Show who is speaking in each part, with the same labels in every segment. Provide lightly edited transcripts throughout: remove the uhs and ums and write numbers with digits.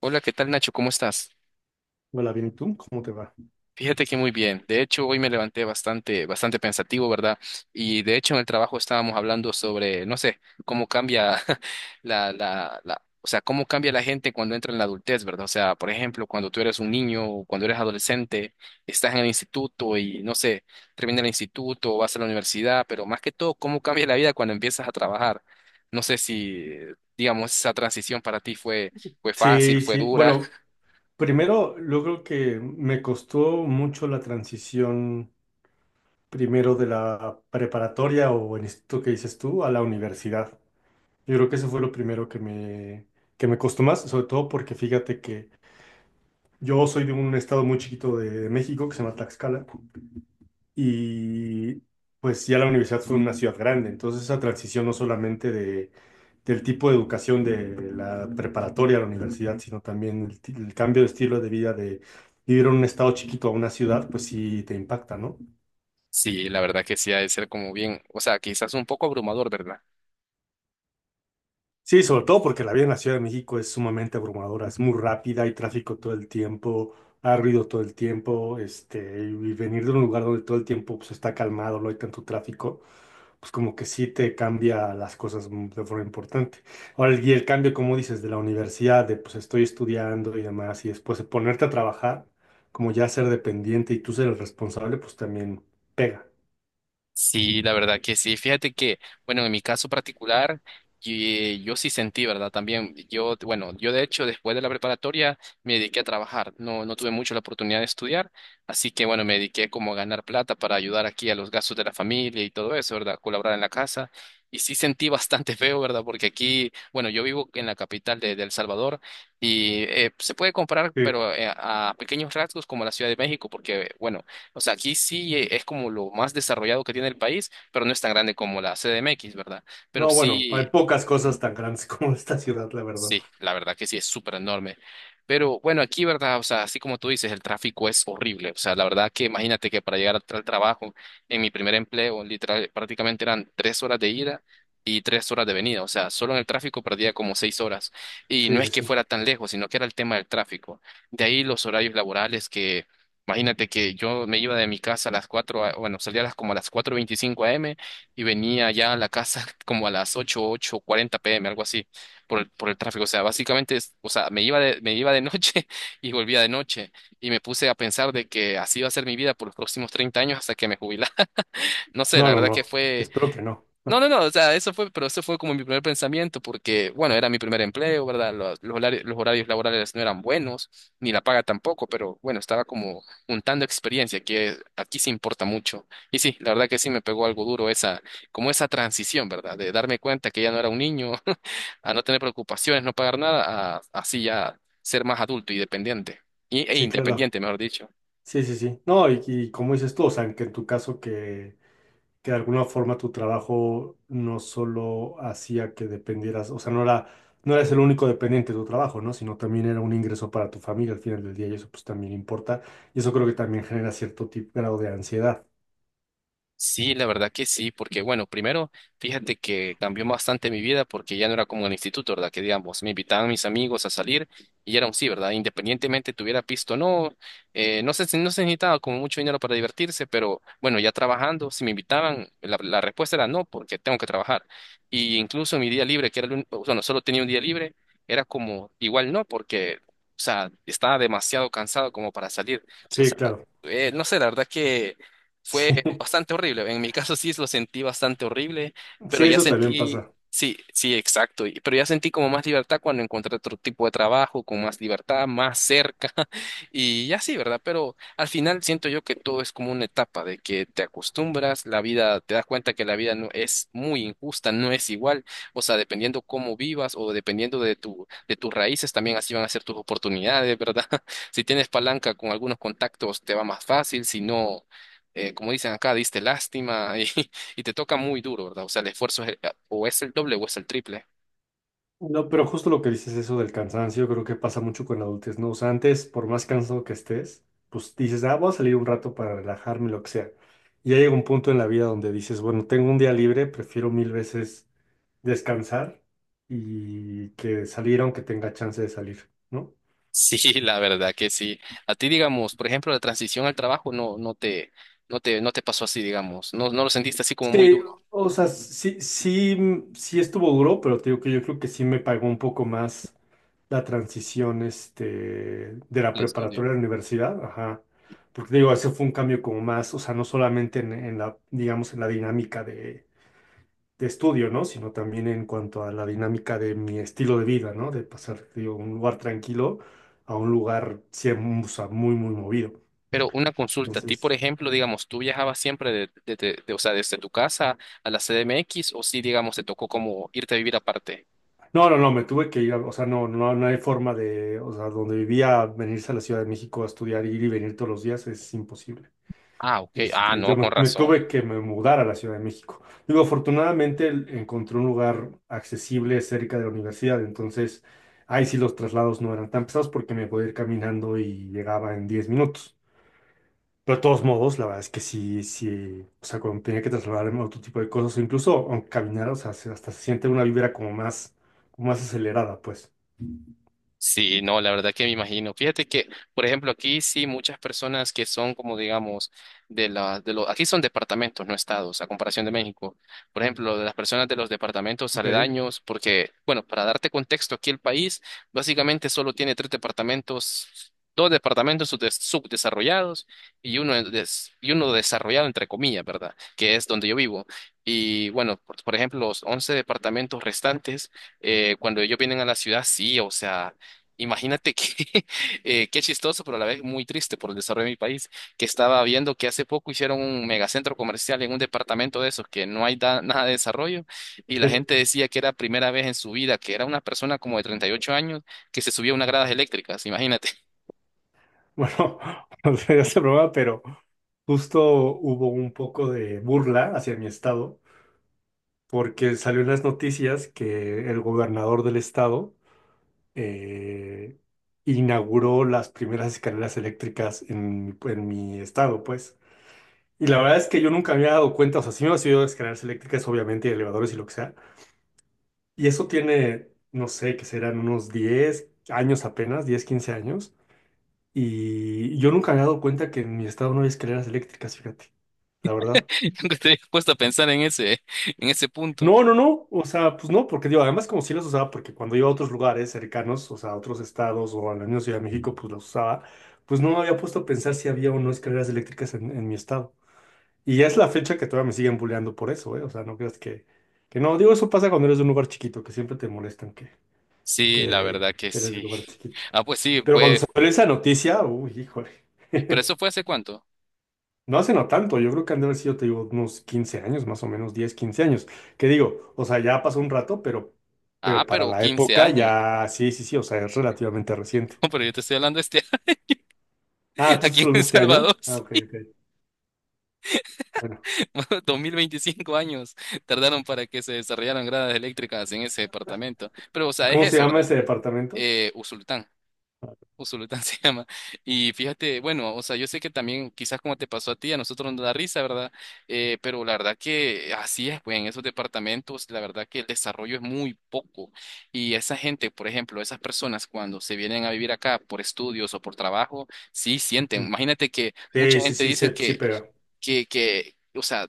Speaker 1: Hola, ¿qué tal, Nacho? ¿Cómo estás?
Speaker 2: Hola, bien, ¿y tú? ¿Cómo te va?
Speaker 1: Fíjate que muy bien. De hecho, hoy me levanté bastante, bastante pensativo, ¿verdad? Y de hecho en el trabajo estábamos hablando sobre, no sé, cómo cambia o sea, cómo cambia la gente cuando entra en la adultez, ¿verdad? O sea, por ejemplo, cuando tú eres un niño, o cuando eres adolescente, estás en el instituto y, no sé, termina el instituto, o vas a la universidad, pero más que todo, cómo cambia la vida cuando empiezas a trabajar. No sé si, digamos, esa transición para ti fue, fue fácil,
Speaker 2: Sí,
Speaker 1: fue
Speaker 2: sí.
Speaker 1: dura.
Speaker 2: Bueno, primero, yo creo que me costó mucho la transición primero de la preparatoria o en esto que dices tú a la universidad. Yo creo que eso fue lo primero que me, que me. Costó más, sobre todo porque fíjate que yo soy de un estado muy chiquito de México que se llama Tlaxcala. Y pues ya la universidad fue una ciudad grande, entonces esa transición no solamente de, del tipo de educación de la preparatoria a la universidad, sino también el cambio de estilo de vida de vivir en un estado chiquito a una ciudad, pues sí te impacta, ¿no?
Speaker 1: Sí, la verdad que sí ha de ser como bien, o sea, quizás un poco abrumador, ¿verdad?
Speaker 2: Sí, sobre todo porque la vida en la Ciudad de México es sumamente abrumadora, es muy rápida, hay tráfico todo el tiempo, hay ruido todo el tiempo, y venir de un lugar donde todo el tiempo pues, está calmado, no hay tanto tráfico, pues como que sí te cambia las cosas de forma importante. Ahora, y el cambio, como dices, de la universidad, de pues estoy estudiando y demás, y después de ponerte a trabajar, como ya ser dependiente y tú ser el responsable, pues también pega.
Speaker 1: Sí, la verdad que sí. Fíjate que, bueno, en mi caso particular, yo, sí sentí, ¿verdad? También, yo, bueno, yo de hecho, después de la preparatoria, me dediqué a trabajar. No, no tuve mucho la oportunidad de estudiar, así que, bueno, me dediqué como a ganar plata para ayudar aquí a los gastos de la familia y todo eso, ¿verdad? Colaborar en la casa. Y sí sentí bastante feo, ¿verdad? Porque aquí, bueno, yo vivo en la capital de El Salvador y se puede comparar,
Speaker 2: Sí.
Speaker 1: pero a pequeños rasgos como la Ciudad de México, porque, bueno, o sea, aquí sí, es como lo más desarrollado que tiene el país, pero no es tan grande como la CDMX, ¿verdad? Pero
Speaker 2: No, bueno, hay
Speaker 1: sí.
Speaker 2: pocas cosas tan grandes como esta ciudad, la verdad.
Speaker 1: Sí, la verdad que sí, es súper enorme. Pero bueno, aquí, ¿verdad? O sea, así como tú dices, el tráfico es horrible. O sea, la verdad que imagínate que para llegar al al trabajo, en mi primer empleo, literal, prácticamente eran 3 horas de ida y 3 horas de venida. O sea, solo en el tráfico perdía como 6 horas. Y
Speaker 2: Sí,
Speaker 1: no
Speaker 2: sí,
Speaker 1: es que
Speaker 2: sí.
Speaker 1: fuera tan lejos, sino que era el tema del tráfico. De ahí los horarios laborales que, imagínate que yo me iba de mi casa a las cuatro, bueno, salía a las, como a las 4:25 am, y venía ya a la casa como a las 8, 8:40 pm, algo así, por el tráfico. O sea, básicamente, o sea, me iba de noche y volvía de noche. Y me puse a pensar de que así iba a ser mi vida por los próximos 30 años hasta que me jubilara. No sé,
Speaker 2: No,
Speaker 1: la
Speaker 2: no,
Speaker 1: verdad que
Speaker 2: no.
Speaker 1: fue,
Speaker 2: Espero que no.
Speaker 1: no, no, no, o sea, eso fue, pero eso fue como mi primer pensamiento, porque, bueno, era mi primer empleo, ¿verdad? Los horarios laborales no eran buenos, ni la paga tampoco, pero bueno, estaba como juntando experiencia, que aquí se importa mucho. Y sí, la verdad que sí me pegó algo duro esa, como esa transición, ¿verdad? De darme cuenta que ya no era un niño, a no tener preocupaciones, no pagar nada, a así ya ser más adulto y dependiente, e
Speaker 2: Sí, claro.
Speaker 1: independiente, mejor dicho.
Speaker 2: Sí, sí, sí. No, y como dices tú, o sea, que en tu caso que de alguna forma tu trabajo no solo hacía que dependieras, o sea, no eres el único dependiente de tu trabajo, ¿no? Sino también era un ingreso para tu familia al final del día y eso pues también importa. Y eso creo que también genera cierto tipo, grado de ansiedad.
Speaker 1: Sí, la verdad que sí, porque bueno, primero, fíjate que cambió bastante mi vida porque ya no era como en el instituto, ¿verdad? Que digamos, me invitaban mis amigos a salir y era un sí, ¿verdad? Independientemente tuviera pisto o no, no se necesitaba como mucho dinero para divertirse, pero bueno, ya trabajando, si me invitaban, la respuesta era no, porque tengo que trabajar. Y incluso en mi día libre, que era el único, bueno, solo tenía un día libre, era como igual no, porque, o sea, estaba demasiado cansado como para salir. O
Speaker 2: Sí,
Speaker 1: sea,
Speaker 2: claro.
Speaker 1: no sé, la verdad que... Fue
Speaker 2: Sí,
Speaker 1: bastante horrible. En mi caso sí lo sentí bastante horrible,
Speaker 2: sí,
Speaker 1: pero ya
Speaker 2: eso también
Speaker 1: sentí,
Speaker 2: pasa.
Speaker 1: sí, sí, exacto. Pero ya sentí como más libertad cuando encontré otro tipo de trabajo, con más libertad, más cerca. Y ya sí, ¿verdad? Pero al final siento yo que todo es como una etapa de que te acostumbras, la vida, te das cuenta que la vida no es muy injusta, no es igual. O sea, dependiendo cómo vivas o dependiendo de tu, de tus raíces, también así van a ser tus oportunidades, ¿verdad? Si tienes palanca con algunos contactos, te va más fácil, si no, como dicen acá, diste lástima y, y te toca muy duro, ¿verdad? O sea, el esfuerzo es, o es el doble o es el triple.
Speaker 2: No, pero justo lo que dices eso del cansancio, creo que pasa mucho con la adultez, ¿no? O sea, antes, por más cansado que estés, pues dices, ah, voy a salir un rato para relajarme, lo que sea. Y ya llega un punto en la vida donde dices, bueno, tengo un día libre, prefiero mil veces descansar y que salir aunque tenga chance de salir, ¿no?
Speaker 1: Sí, la verdad que sí. A ti, digamos, por ejemplo, la transición al trabajo no, no te pasó así, digamos. No, no lo sentiste así como muy
Speaker 2: Sí,
Speaker 1: duro
Speaker 2: o sea, sí, sí, sí estuvo duro, pero te digo que yo creo que sí me pagó un poco más la transición de la
Speaker 1: al estudio.
Speaker 2: preparatoria a la universidad, ajá. Porque digo, ese fue un cambio como más, o sea, no solamente en la, digamos, en la dinámica de estudio, ¿no? Sino también en cuanto a la dinámica de mi estilo de vida, ¿no? De pasar, digo, un lugar tranquilo a un lugar, o sea, muy, muy movido.
Speaker 1: Pero una consulta, a ti, por
Speaker 2: Entonces,
Speaker 1: ejemplo, digamos, ¿tú viajabas siempre o sea, desde tu casa a la CDMX, o sí, digamos, te tocó como irte a vivir aparte?
Speaker 2: no, no, no, me tuve que ir, o sea, no, no, no hay forma de, o sea, donde vivía, venirse a la Ciudad de México a estudiar, ir y venir todos los días es imposible.
Speaker 1: Ah, ok. Ah, no,
Speaker 2: Yo
Speaker 1: con
Speaker 2: me, me
Speaker 1: razón.
Speaker 2: tuve que me mudar a la Ciudad de México. Digo, afortunadamente encontré un lugar accesible cerca de la universidad, entonces ahí sí los traslados no eran tan pesados porque me podía ir caminando y llegaba en 10 minutos. Pero de todos modos, la verdad es que sí, sí, o sea, cuando tenía que trasladarme a otro tipo de cosas, o incluso aunque caminar, o sea, hasta se siente una vibra como más acelerada, pues.
Speaker 1: Sí, no, la verdad que me imagino. Fíjate que, por ejemplo, aquí sí muchas personas que son como digamos de la de los aquí son departamentos, no estados, a comparación de México. Por ejemplo, de las personas de los departamentos
Speaker 2: Ok.
Speaker 1: aledaños, porque bueno, para darte contexto, aquí el país básicamente solo tiene tres departamentos, dos departamentos subdesarrollados y uno y uno desarrollado entre comillas, ¿verdad? Que es donde yo vivo. Y bueno, por ejemplo, los 11 departamentos restantes, cuando ellos vienen a la ciudad, sí, o sea, imagínate que qué chistoso, pero a la vez muy triste por el desarrollo de mi país, que estaba viendo que hace poco hicieron un megacentro comercial en un departamento de esos que no hay nada de desarrollo, y la
Speaker 2: Sí.
Speaker 1: gente decía que era primera vez en su vida, que era una persona como de 38 años que se subía a unas gradas eléctricas, imagínate.
Speaker 2: Bueno, no sé, ya se broma, pero justo hubo un poco de burla hacia mi estado porque salió en las noticias que el gobernador del estado eh, inauguró las primeras escaleras eléctricas en mi estado, pues. Y la verdad es que yo nunca me había dado cuenta, o sea, sí me había ido escaleras eléctricas, obviamente, y elevadores y lo que sea. Y eso tiene, no sé, que serán unos 10 años apenas, 10, 15 años. Y yo nunca me había dado cuenta que en mi estado no hay escaleras eléctricas, fíjate, la verdad.
Speaker 1: ¿Nunca te habías puesto a pensar en ese, en ese punto?
Speaker 2: No, no, no, o sea, pues no, porque digo, además como sí las usaba, porque cuando iba a otros lugares cercanos, o sea, a otros estados o a la misma Ciudad de México, pues las usaba, pues no me había puesto a pensar si había o no escaleras eléctricas en mi estado. Y ya es la fecha que todavía me siguen bulleando por eso, ¿eh? O sea, no creas que no, digo, eso pasa cuando eres de un lugar chiquito, que siempre te molestan que,
Speaker 1: Sí, la
Speaker 2: que,
Speaker 1: verdad que
Speaker 2: que eres de
Speaker 1: sí.
Speaker 2: lugar chiquito.
Speaker 1: Ah, pues sí,
Speaker 2: Pero cuando
Speaker 1: pues,
Speaker 2: salió esa noticia, uy, híjole.
Speaker 1: ¿pero eso fue hace cuánto?
Speaker 2: No hace no tanto, yo creo que han de haber sido, te digo, unos 15 años, más o menos 10, 15 años. Que digo, o sea, ya pasó un rato,
Speaker 1: Ah,
Speaker 2: pero para
Speaker 1: pero
Speaker 2: la
Speaker 1: 15
Speaker 2: época
Speaker 1: años.
Speaker 2: ya, sí, sí, sí, o sea, es relativamente reciente.
Speaker 1: No, pero yo te estoy hablando este
Speaker 2: Ah, ¿tú
Speaker 1: aquí
Speaker 2: estás
Speaker 1: en
Speaker 2: hablando de
Speaker 1: El
Speaker 2: este año?
Speaker 1: Salvador.
Speaker 2: Ah, ok, ok. Bueno,
Speaker 1: 2025 años tardaron para que se desarrollaran gradas eléctricas en ese departamento. Pero, o sea, es
Speaker 2: ¿cómo se
Speaker 1: eso,
Speaker 2: llama
Speaker 1: ¿verdad?
Speaker 2: ese departamento?
Speaker 1: Usulután. Usulután se llama. Y fíjate, bueno, o sea, yo sé que también quizás como te pasó a ti, a nosotros nos da risa, ¿verdad? Pero la verdad que así es, pues en esos departamentos, la verdad que el desarrollo es muy poco. Y esa gente, por ejemplo, esas personas cuando se vienen a vivir acá por estudios o por trabajo, sí sienten.
Speaker 2: Ujú.
Speaker 1: Imagínate que mucha
Speaker 2: Sí, sí,
Speaker 1: gente
Speaker 2: sí, sí,
Speaker 1: dicen
Speaker 2: sí
Speaker 1: que,
Speaker 2: pega.
Speaker 1: o sea,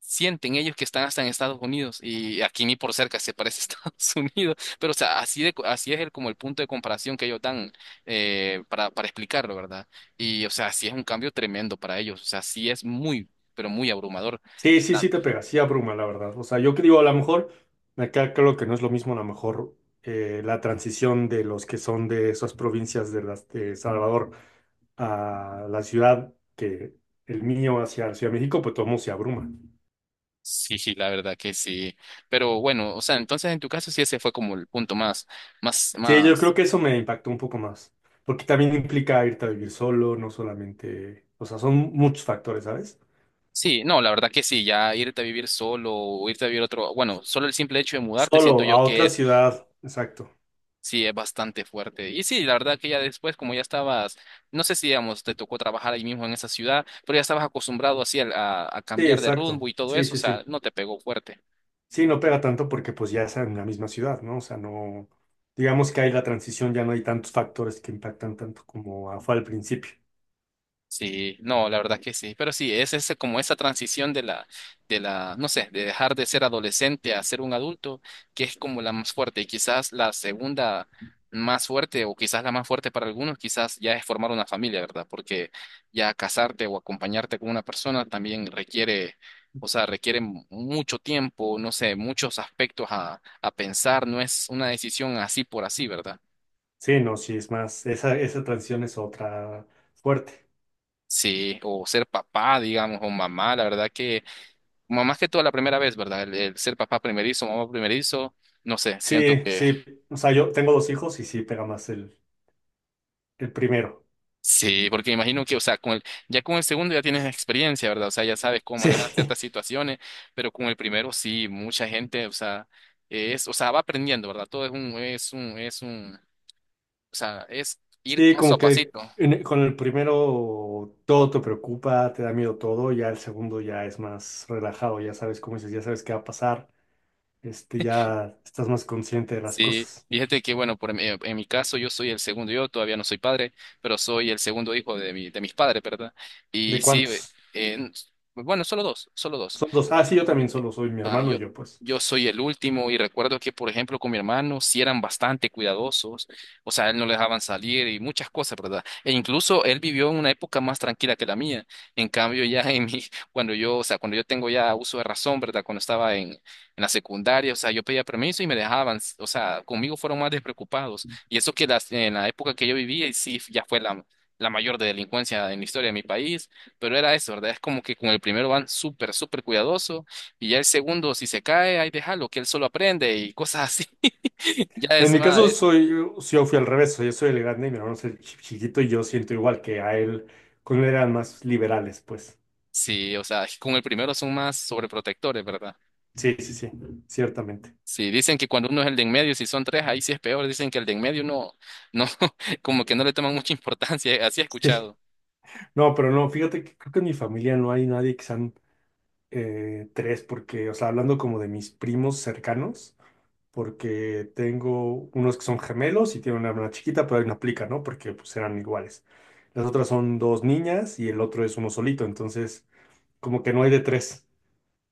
Speaker 1: sienten ellos que están hasta en Estados Unidos, y aquí ni por cerca se parece a Estados Unidos, pero o sea, así de, así es el, como el punto de comparación que ellos dan, para explicarlo, ¿verdad? Y o sea, sí es un cambio tremendo para ellos, o sea, sí es muy, pero muy abrumador.
Speaker 2: Sí,
Speaker 1: eh,
Speaker 2: sí,
Speaker 1: tan-
Speaker 2: sí te pega, sí abruma, la verdad. O sea, yo que digo, a lo mejor, me queda creo que no es lo mismo, a lo mejor, la transición de los que son de esas provincias de las de Salvador a la ciudad que el mío hacia la Ciudad de México, pues todo el mundo se abruma.
Speaker 1: sí, sí, la verdad que sí, pero bueno, o sea, entonces en tu caso sí ese fue como el punto más,
Speaker 2: Sí, yo creo
Speaker 1: más.
Speaker 2: que eso me impactó un poco más, porque también implica irte a vivir solo, no solamente, o sea, son muchos factores, ¿sabes?
Speaker 1: Sí, no, la verdad que sí, ya irte a vivir solo o irte a vivir otro, bueno, solo el simple hecho de mudarte siento
Speaker 2: Solo a
Speaker 1: yo que
Speaker 2: otra
Speaker 1: es...
Speaker 2: ciudad, exacto.
Speaker 1: Sí, es bastante fuerte. Y sí, la verdad que ya después, como ya estabas, no sé si, digamos, te tocó trabajar ahí mismo en esa ciudad, pero ya estabas acostumbrado así a
Speaker 2: Sí,
Speaker 1: cambiar de
Speaker 2: exacto.
Speaker 1: rumbo y todo
Speaker 2: Sí,
Speaker 1: eso, o
Speaker 2: sí,
Speaker 1: sea,
Speaker 2: sí.
Speaker 1: no te pegó fuerte.
Speaker 2: Sí, no pega tanto porque pues ya es en la misma ciudad, ¿no? O sea, no, digamos que hay la transición, ya no hay tantos factores que impactan tanto como fue al principio.
Speaker 1: Sí, no, la verdad que sí, pero sí, es ese, como esa transición de la, no sé, de dejar de ser adolescente a ser un adulto, que es como la más fuerte, y quizás la segunda más fuerte, o quizás la más fuerte para algunos, quizás ya es formar una familia, ¿verdad? Porque ya casarte o acompañarte con una persona también requiere, o sea, requiere mucho tiempo, no sé, muchos aspectos a pensar, no es una decisión así por así, ¿verdad?
Speaker 2: Sí, no, sí, es más, esa transición es otra fuerte.
Speaker 1: Sí, o ser papá, digamos, o mamá, la verdad que... como más que todo la primera vez, ¿verdad? El ser papá primerizo, mamá primerizo, no sé, siento
Speaker 2: Sí,
Speaker 1: que
Speaker 2: sí. O sea, yo tengo dos hijos y sí pega más el primero.
Speaker 1: sí, porque imagino que, o sea, con el, ya con el segundo ya tienes experiencia, ¿verdad? O sea, ya sabes cómo
Speaker 2: Sí,
Speaker 1: manejar ciertas situaciones, pero con el primero sí, mucha gente, o sea, es, o sea, va aprendiendo, ¿verdad? Todo es un, o sea, es ir
Speaker 2: sí,
Speaker 1: paso
Speaker 2: como
Speaker 1: a
Speaker 2: que
Speaker 1: pasito.
Speaker 2: con el primero todo te preocupa, te da miedo todo, ya el segundo ya es más relajado, ya sabes cómo dices, ya sabes qué va a pasar, ya estás más consciente de las
Speaker 1: Sí,
Speaker 2: cosas.
Speaker 1: fíjate que, bueno, por, en mi caso yo soy el segundo, yo todavía no soy padre, pero soy el segundo hijo de mi, de mis padres, ¿verdad?
Speaker 2: ¿De
Speaker 1: Y sí,
Speaker 2: cuántos?
Speaker 1: eh, bueno, solo dos, solo dos.
Speaker 2: Son dos. Ah, sí, yo también solo soy mi
Speaker 1: Ah,
Speaker 2: hermano
Speaker 1: yo,
Speaker 2: y yo, pues.
Speaker 1: yo soy el último y recuerdo que, por ejemplo, con mi hermano sí eran bastante cuidadosos, o sea, él no le dejaban salir y muchas cosas, ¿verdad? E incluso él vivió en una época más tranquila que la mía. En cambio, ya en mi, cuando yo, o sea, cuando yo tengo ya uso de razón, ¿verdad? Cuando estaba en la secundaria, o sea, yo pedía permiso y me dejaban, o sea, conmigo fueron más despreocupados. Y eso que las, en la época que yo vivía, y sí, ya fue la... la mayor de delincuencia en la historia de mi país, pero era eso, ¿verdad? Es como que con el primero van súper, súper cuidadosos y ya el segundo, si se cae, ahí déjalo, que él solo aprende y cosas así. Ya
Speaker 2: En
Speaker 1: es
Speaker 2: mi
Speaker 1: más,
Speaker 2: caso sí, yo fui al revés, yo soy el grande y mi hermano es el chiquito y yo siento igual que a él, con él eran más liberales, pues.
Speaker 1: sí, o sea, con el primero son más sobreprotectores, ¿verdad?
Speaker 2: Sí, sí, sí, ciertamente.
Speaker 1: Sí, dicen que cuando uno es el de en medio, si son tres, ahí sí es peor. Dicen que el de en medio no, no, como que no le toman mucha importancia, así he
Speaker 2: Sí.
Speaker 1: escuchado.
Speaker 2: No, pero no, fíjate que creo que en mi familia no hay nadie que sean tres, porque, o sea, hablando como de mis primos cercanos, porque tengo unos que son gemelos y tienen una hermana chiquita, pero ahí no aplica, ¿no? Porque pues eran iguales. Las otras son dos niñas y el otro es uno solito, entonces como que no hay de tres.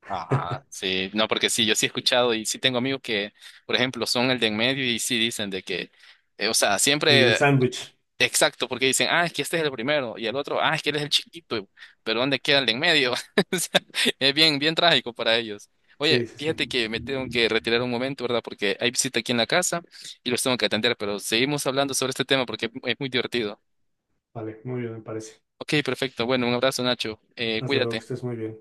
Speaker 1: Ajá, sí, no, porque sí, yo sí he escuchado y sí tengo amigos que, por ejemplo, son el de en medio y sí dicen de que, o sea,
Speaker 2: Y el
Speaker 1: siempre...
Speaker 2: sándwich.
Speaker 1: Exacto, porque dicen, ah, es que este es el primero, y el otro, ah, es que él es el chiquito, pero ¿dónde queda el de en medio? O sea, es bien, bien trágico para ellos. Oye,
Speaker 2: Sí, sí, sí.
Speaker 1: fíjate que me tengo que retirar un momento, ¿verdad? Porque hay visita aquí en la casa y los tengo que atender, pero seguimos hablando sobre este tema porque es muy divertido.
Speaker 2: Vale, muy bien, me parece.
Speaker 1: Ok, perfecto. Bueno, un abrazo, Nacho.
Speaker 2: Hasta luego, que
Speaker 1: Cuídate.
Speaker 2: estés muy bien.